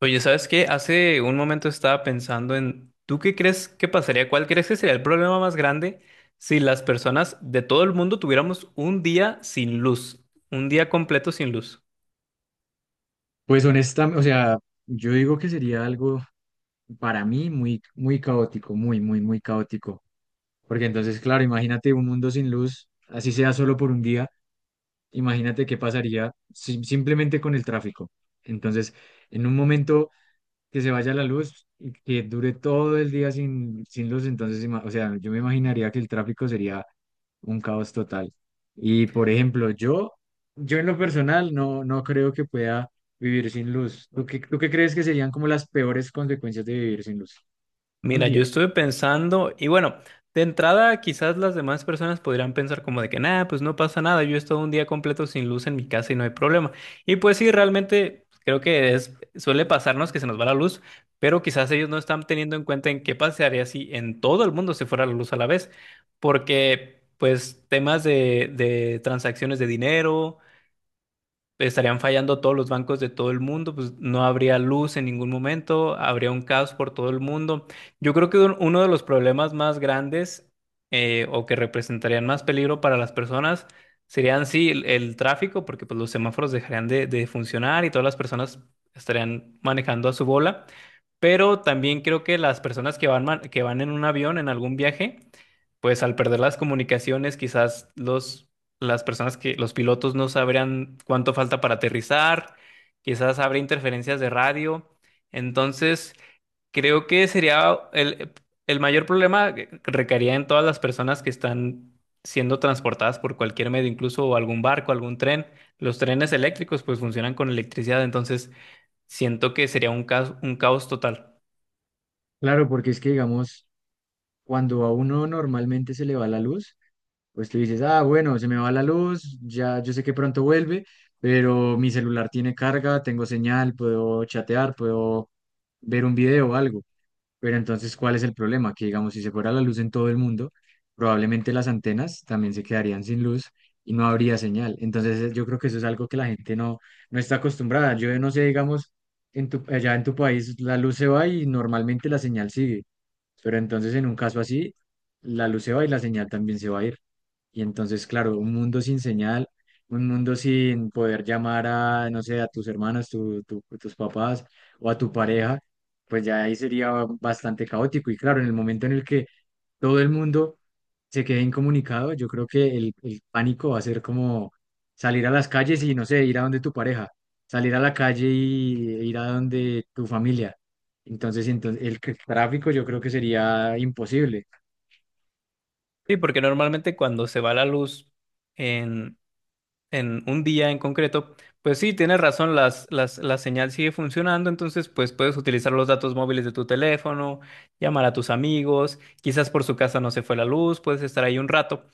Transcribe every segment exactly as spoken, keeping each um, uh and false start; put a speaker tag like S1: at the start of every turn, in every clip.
S1: Oye, ¿sabes qué? Hace un momento estaba pensando en, ¿tú qué crees que pasaría? ¿Cuál crees que sería el problema más grande si las personas de todo el mundo tuviéramos un día sin luz? Un día completo sin luz.
S2: Pues honestamente, o sea, yo digo que sería algo para mí muy, muy caótico, muy, muy, muy caótico. Porque entonces, claro, imagínate un mundo sin luz, así sea solo por un día, imagínate qué pasaría si- simplemente con el tráfico. Entonces, en un momento que se vaya la luz y que dure todo el día sin, sin luz, entonces, ima- o sea, yo me imaginaría que el tráfico sería un caos total. Y, por ejemplo, yo, yo en lo personal no, no creo que pueda vivir sin luz. ¿Tú qué, tú qué crees que serían como las peores consecuencias de vivir sin luz? Un
S1: Mira, yo
S2: día.
S1: estuve pensando, y bueno, de entrada quizás las demás personas podrían pensar como de que nada, pues no pasa nada, yo he estado un día completo sin luz en mi casa y no hay problema. Y pues sí, realmente creo que es, suele pasarnos que se nos va la luz, pero quizás ellos no están teniendo en cuenta en qué pasaría si en todo el mundo se fuera la luz a la vez, porque pues temas de, de transacciones de dinero estarían fallando todos los bancos de todo el mundo, pues no habría luz en ningún momento, habría un caos por todo el mundo. Yo creo que un- uno de los problemas más grandes, eh, o que representarían más peligro para las personas, serían sí el, el tráfico, porque pues los semáforos dejarían de, de funcionar y todas las personas estarían manejando a su bola. Pero también creo que las personas que van, man- que van en un avión, en algún viaje, pues al perder las comunicaciones, quizás los las personas que los pilotos no sabrían cuánto falta para aterrizar, quizás habrá interferencias de radio. Entonces, creo que sería el, el mayor problema que recaería en todas las personas que están siendo transportadas por cualquier medio, incluso algún barco, algún tren. Los trenes eléctricos pues funcionan con electricidad, entonces siento que sería un caos, un caos total.
S2: Claro, porque es que, digamos, cuando a uno normalmente se le va la luz, pues tú dices, ah, bueno, se me va la luz, ya yo sé que pronto vuelve, pero mi celular tiene carga, tengo señal, puedo chatear, puedo ver un video o algo. Pero entonces, ¿cuál es el problema? Que digamos, si se fuera la luz en todo el mundo, probablemente las antenas también se quedarían sin luz y no habría señal. Entonces, eh, yo creo que eso es algo que la gente no, no está acostumbrada. Yo no sé, digamos, en tu, allá en tu país la luz se va y normalmente la señal sigue. Pero entonces, en un caso así, la luz se va y la señal también se va a ir. Y entonces, claro, un mundo sin señal, un mundo sin poder llamar a, no sé, a tus hermanos, tu- tu- tus papás o a tu pareja pues ya ahí sería bastante caótico. Y claro, en el momento en el que todo el mundo se quede incomunicado, yo creo que el, el pánico va a ser como salir a las calles y, no sé, ir a donde tu pareja, salir a la calle y ir a donde tu familia. Entonces, entonces el c- tráfico yo creo que sería imposible.
S1: Sí, porque normalmente cuando se va la luz en un día en concreto, pues sí, tienes razón, las, las, la señal sigue funcionando, entonces pues puedes utilizar los datos móviles de tu teléfono, llamar a tus amigos, quizás por su casa no se fue la luz, puedes estar ahí un rato,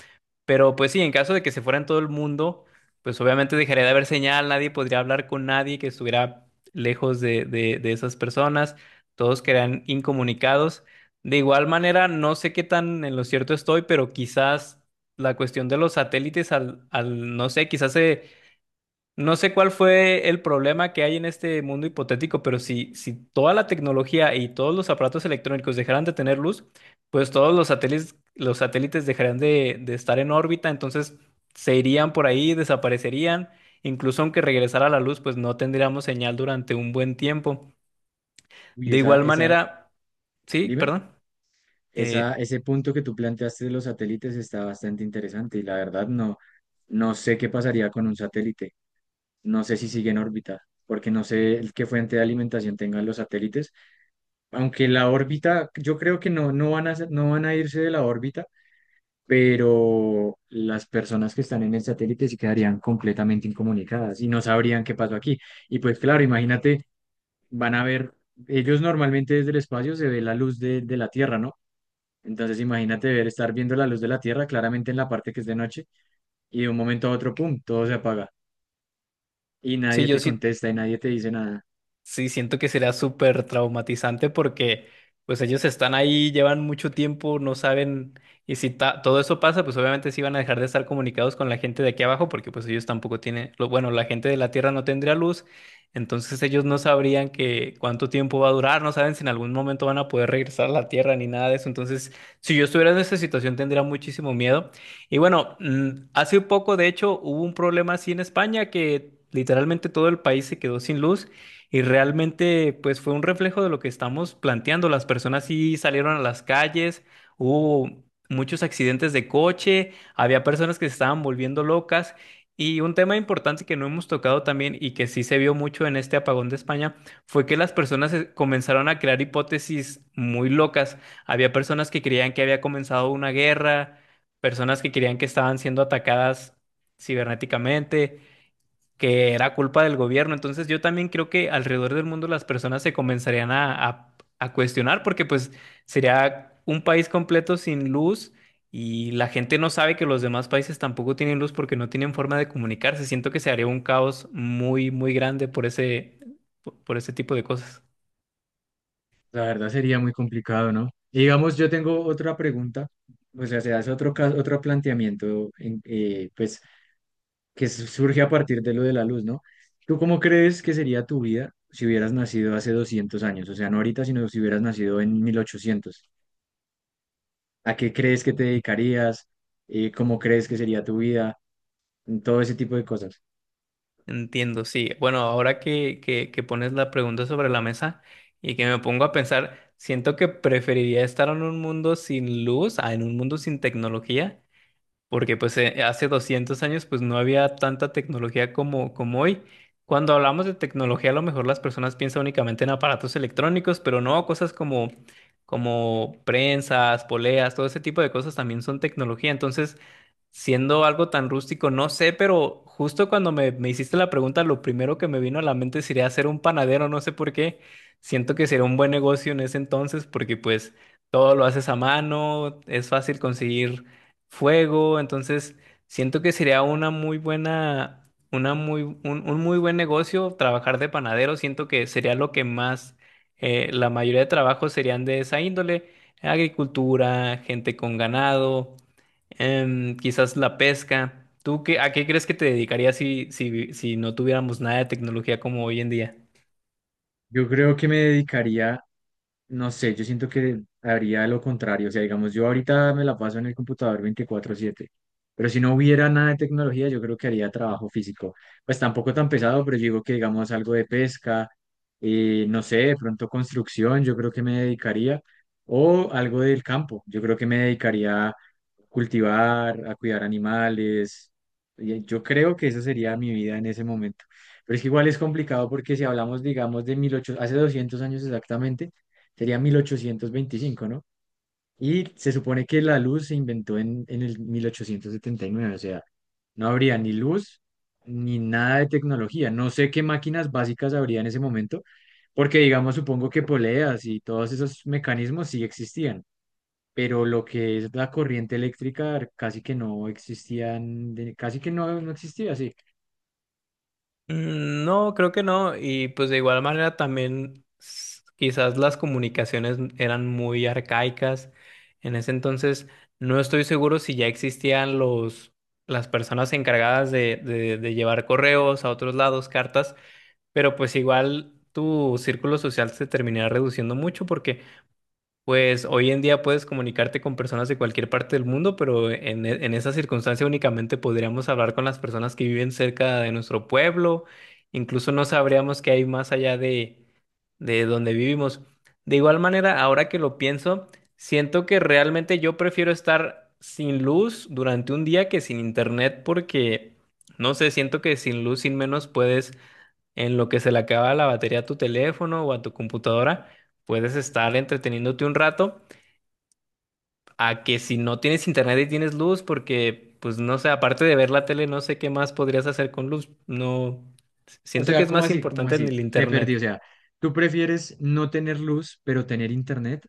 S1: pero pues sí, en caso de que se fuera en todo el mundo, pues obviamente dejaría de haber señal, nadie podría hablar con nadie que estuviera lejos de, de, de esas personas, todos quedarían incomunicados. De igual manera, no sé qué tan en lo cierto estoy, pero quizás la cuestión de los satélites al, al no sé, quizás se, no sé cuál fue el problema que hay en este mundo hipotético, pero si, si toda la tecnología y todos los aparatos electrónicos dejaran de tener luz, pues todos los satélites, los satélites dejarían de, de estar en órbita, entonces se irían por ahí, desaparecerían, incluso aunque regresara la luz, pues no tendríamos señal durante un buen tiempo.
S2: Y
S1: De
S2: esa,
S1: igual
S2: esa,
S1: manera, sí,
S2: dime,
S1: perdón,
S2: esa,
S1: eh,
S2: ese punto que tú planteaste de los satélites está bastante interesante y la verdad no, no sé qué pasaría con un satélite. No sé si sigue en órbita, porque no sé el qué fuente de alimentación tengan los satélites. Aunque la órbita, yo creo que no, no van a, ser- no van a irse de la órbita, pero las personas que están en el satélite sí quedarían completamente incomunicadas y no sabrían qué pasó aquí. Y pues claro, imagínate, van a ver, ellos normalmente desde el espacio se ve la luz de, de la Tierra, ¿no? Entonces imagínate ver, estar viendo la luz de la Tierra claramente en la parte que es de noche y de un momento a otro, ¡pum!, todo se apaga y
S1: sí,
S2: nadie
S1: yo
S2: te
S1: sí.
S2: contesta y nadie te dice nada.
S1: Sí, siento que será súper traumatizante porque pues ellos están ahí, llevan mucho tiempo, no saben, y si ta- todo eso pasa, pues obviamente sí van a dejar de estar comunicados con la gente de aquí abajo porque pues ellos tampoco tienen, lo, bueno, la gente de la Tierra no tendría luz, entonces ellos no sabrían que cuánto tiempo va a durar, no saben si en algún momento van a poder regresar a la Tierra ni nada de eso, entonces si yo estuviera en esa situación tendría muchísimo miedo. Y bueno, mm, hace poco de hecho hubo un problema así en España que literalmente todo el país se quedó sin luz. Y realmente, pues fue un reflejo de lo que estamos planteando. Las personas sí salieron a las calles, hubo muchos accidentes de coche, había personas que se estaban volviendo locas. Y un tema importante que no hemos tocado también y que sí se vio mucho en este apagón de España fue que las personas, eh, comenzaron a crear hipótesis muy locas. Había personas que creían que había comenzado una guerra, personas que creían que estaban siendo atacadas cibernéticamente, que era culpa del gobierno. Entonces yo también creo que alrededor del mundo las personas se comenzarían a, a- a cuestionar, porque pues sería un país completo sin luz y la gente no sabe que los demás países tampoco tienen luz porque no tienen forma de comunicarse. Siento que se haría un caos muy, muy grande por ese, por por ese tipo de cosas.
S2: La verdad sería muy complicado, ¿no? Y digamos, yo tengo otra pregunta, o sea, se hace otro caso, otro planteamiento, en- eh, pues, que su- surge a partir de lo de la luz, ¿no? ¿Tú cómo crees que sería tu vida si hubieras nacido hace doscientos años? O sea, no ahorita, sino si hubieras nacido en mil ochocientos. ¿A qué crees que te dedicarías? Eh, ¿cómo crees que sería tu vida? Todo ese tipo de cosas.
S1: Entiendo, sí. Bueno, ahora que, que, que pones la pregunta sobre la mesa y que me pongo a pensar, siento que preferiría estar en un mundo sin luz, a en un mundo sin tecnología, porque pues eh, hace doscientos años pues no había tanta tecnología como, como hoy. Cuando hablamos de tecnología, a lo mejor las personas piensan únicamente en aparatos electrónicos, pero no, cosas como, como prensas, poleas, todo ese tipo de cosas también son tecnología. Entonces, siendo algo tan rústico, no sé, pero justo cuando me, me hiciste la pregunta, lo primero que me vino a la mente sería hacer un panadero, no sé por qué. Siento que sería un buen negocio en ese entonces porque pues todo lo haces a mano, es fácil conseguir fuego, entonces siento que sería una muy buena, una muy, un, un muy buen negocio trabajar de panadero, siento que sería lo que más, eh, la mayoría de trabajos serían de esa índole, agricultura, gente con ganado. Em, quizás la pesca. ¿Tú qué, a qué crees que te dedicarías si, si, si no tuviéramos nada de tecnología como hoy en día?
S2: Yo creo que me dedicaría, no sé, yo siento que haría lo contrario. O sea, digamos, yo ahorita me la paso en el computador veinticuatro siete, pero si no hubiera nada de tecnología, yo creo que haría trabajo físico. Pues tampoco tan pesado, pero yo digo que, digamos, algo de pesca, eh, no sé, de pronto construcción, yo creo que me dedicaría, o algo del campo, yo creo que me dedicaría a cultivar, a cuidar animales. Y yo creo que esa sería mi vida en ese momento. Pero es que igual es complicado porque si hablamos, digamos, de mil ochocientos, hace doscientos años exactamente, sería mil ochocientos veinticinco, ¿no? Y se supone que la luz se inventó en, en el mil ochocientos setenta y nueve, o sea, no habría ni luz ni nada de tecnología. No sé qué máquinas básicas habría en ese momento, porque, digamos, supongo que poleas y todos esos mecanismos sí existían, pero lo que es la corriente eléctrica casi que no existían, de- casi que no, no existía, sí.
S1: Mm, No, creo que no. Y pues de igual manera también s- quizás las comunicaciones eran muy arcaicas. En ese entonces no estoy seguro si ya existían los, las personas encargadas de, de, de llevar correos a otros lados, cartas, pero pues igual tu círculo social se terminará reduciendo mucho porque... Pues hoy en día puedes comunicarte con personas de cualquier parte del mundo, pero en, e- en esa circunstancia únicamente podríamos hablar con las personas que viven cerca de nuestro pueblo, incluso no sabríamos qué hay más allá de, de donde vivimos. De igual manera, ahora que lo pienso, siento que realmente yo prefiero estar sin luz durante un día que sin internet, porque no sé, siento que sin luz, sin menos puedes, en lo que se le acaba la batería a tu teléfono o a tu computadora, puedes estar entreteniéndote un rato, a que si no tienes internet y tienes luz, porque pues no sé, aparte de ver la tele, no sé qué más podrías hacer con luz. No,
S2: O
S1: siento que
S2: sea,
S1: es
S2: ¿cómo
S1: más
S2: así? ¿Cómo
S1: importante en
S2: así?
S1: el
S2: Me
S1: internet.
S2: perdí. O sea, ¿tú prefieres no tener luz, pero tener internet?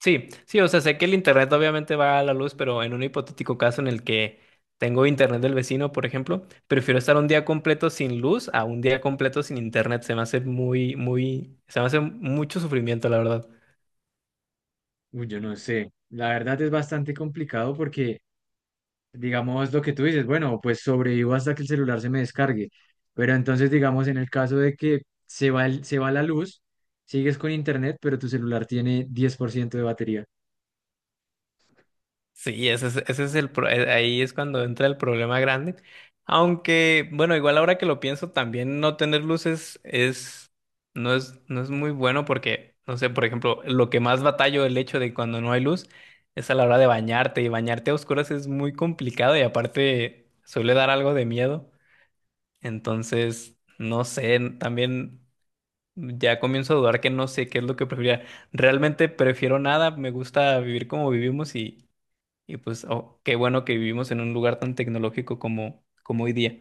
S1: Sí, sí, o sea, sé que el internet obviamente va a la luz, pero en un hipotético caso en el que tengo internet del vecino, por ejemplo, prefiero estar un día completo sin luz a un día completo sin internet. Se me hace muy, muy, se me hace mucho sufrimiento, la verdad.
S2: Uy, yo no sé. La verdad es bastante complicado porque, digamos, lo que tú dices, bueno, pues sobrevivo hasta que el celular se me descargue. Pero entonces, digamos, en el caso de que se va, el- se va la luz, sigues con internet, pero tu celular tiene diez por ciento de batería.
S1: Sí, ese es, ese es el pro- eh, ahí es cuando entra el problema grande. Aunque, bueno, igual ahora que lo pienso, también no tener luces es no es no es muy bueno porque, no sé, por ejemplo, lo que más batallo el hecho de cuando no hay luz es a la hora de bañarte, y bañarte a oscuras es muy complicado y aparte suele dar algo de miedo. Entonces, no sé, también ya comienzo a dudar que no sé qué es lo que preferiría. Realmente prefiero nada, me gusta vivir como vivimos y pues, oh, qué bueno que vivimos en un lugar tan tecnológico como, como hoy día.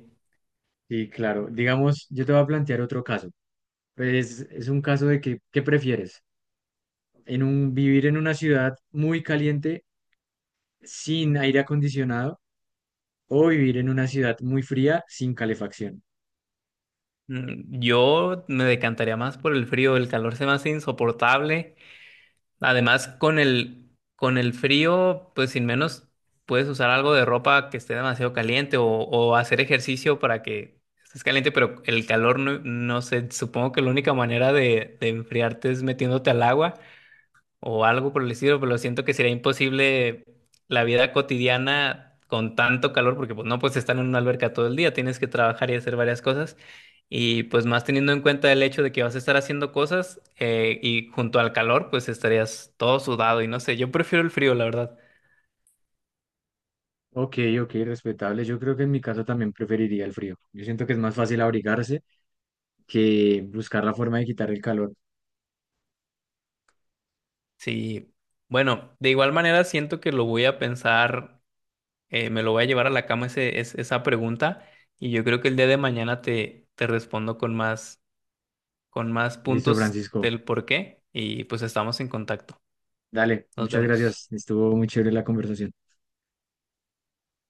S2: Y claro, digamos, yo te voy a plantear otro caso. Pues es un caso de que, ¿qué prefieres? En un, vivir en una ciudad muy caliente sin aire acondicionado o vivir en una ciudad muy fría sin calefacción.
S1: Mm, Yo me decantaría más por el frío, el calor se me hace insoportable. Además, con el, con el frío, pues sin menos puedes usar algo de ropa que esté demasiado caliente, o, o hacer ejercicio para que estés caliente, pero el calor no, no sé, supongo que la única manera de, de enfriarte es metiéndote al agua o algo por el estilo, pero siento que sería imposible la vida cotidiana con tanto calor, porque pues no, pues estar en una alberca todo el día, tienes que trabajar y hacer varias cosas. Y pues más teniendo en cuenta el hecho de que vas a estar haciendo cosas, eh, y junto al calor, pues estarías todo sudado y no sé, yo prefiero el frío, la verdad.
S2: Ok, ok, respetable. Yo creo que en mi caso también preferiría el frío. Yo siento que es más fácil abrigarse que buscar la forma de quitar el calor.
S1: Sí, bueno, de igual manera siento que lo voy a pensar, eh, me lo voy a llevar a la cama ese, es- esa pregunta y yo creo que el día de mañana te, te respondo con más, con más
S2: Listo,
S1: puntos
S2: Francisco.
S1: del por qué, y pues estamos en contacto.
S2: Dale,
S1: Nos
S2: muchas
S1: vemos.
S2: gracias. Estuvo muy chévere la conversación.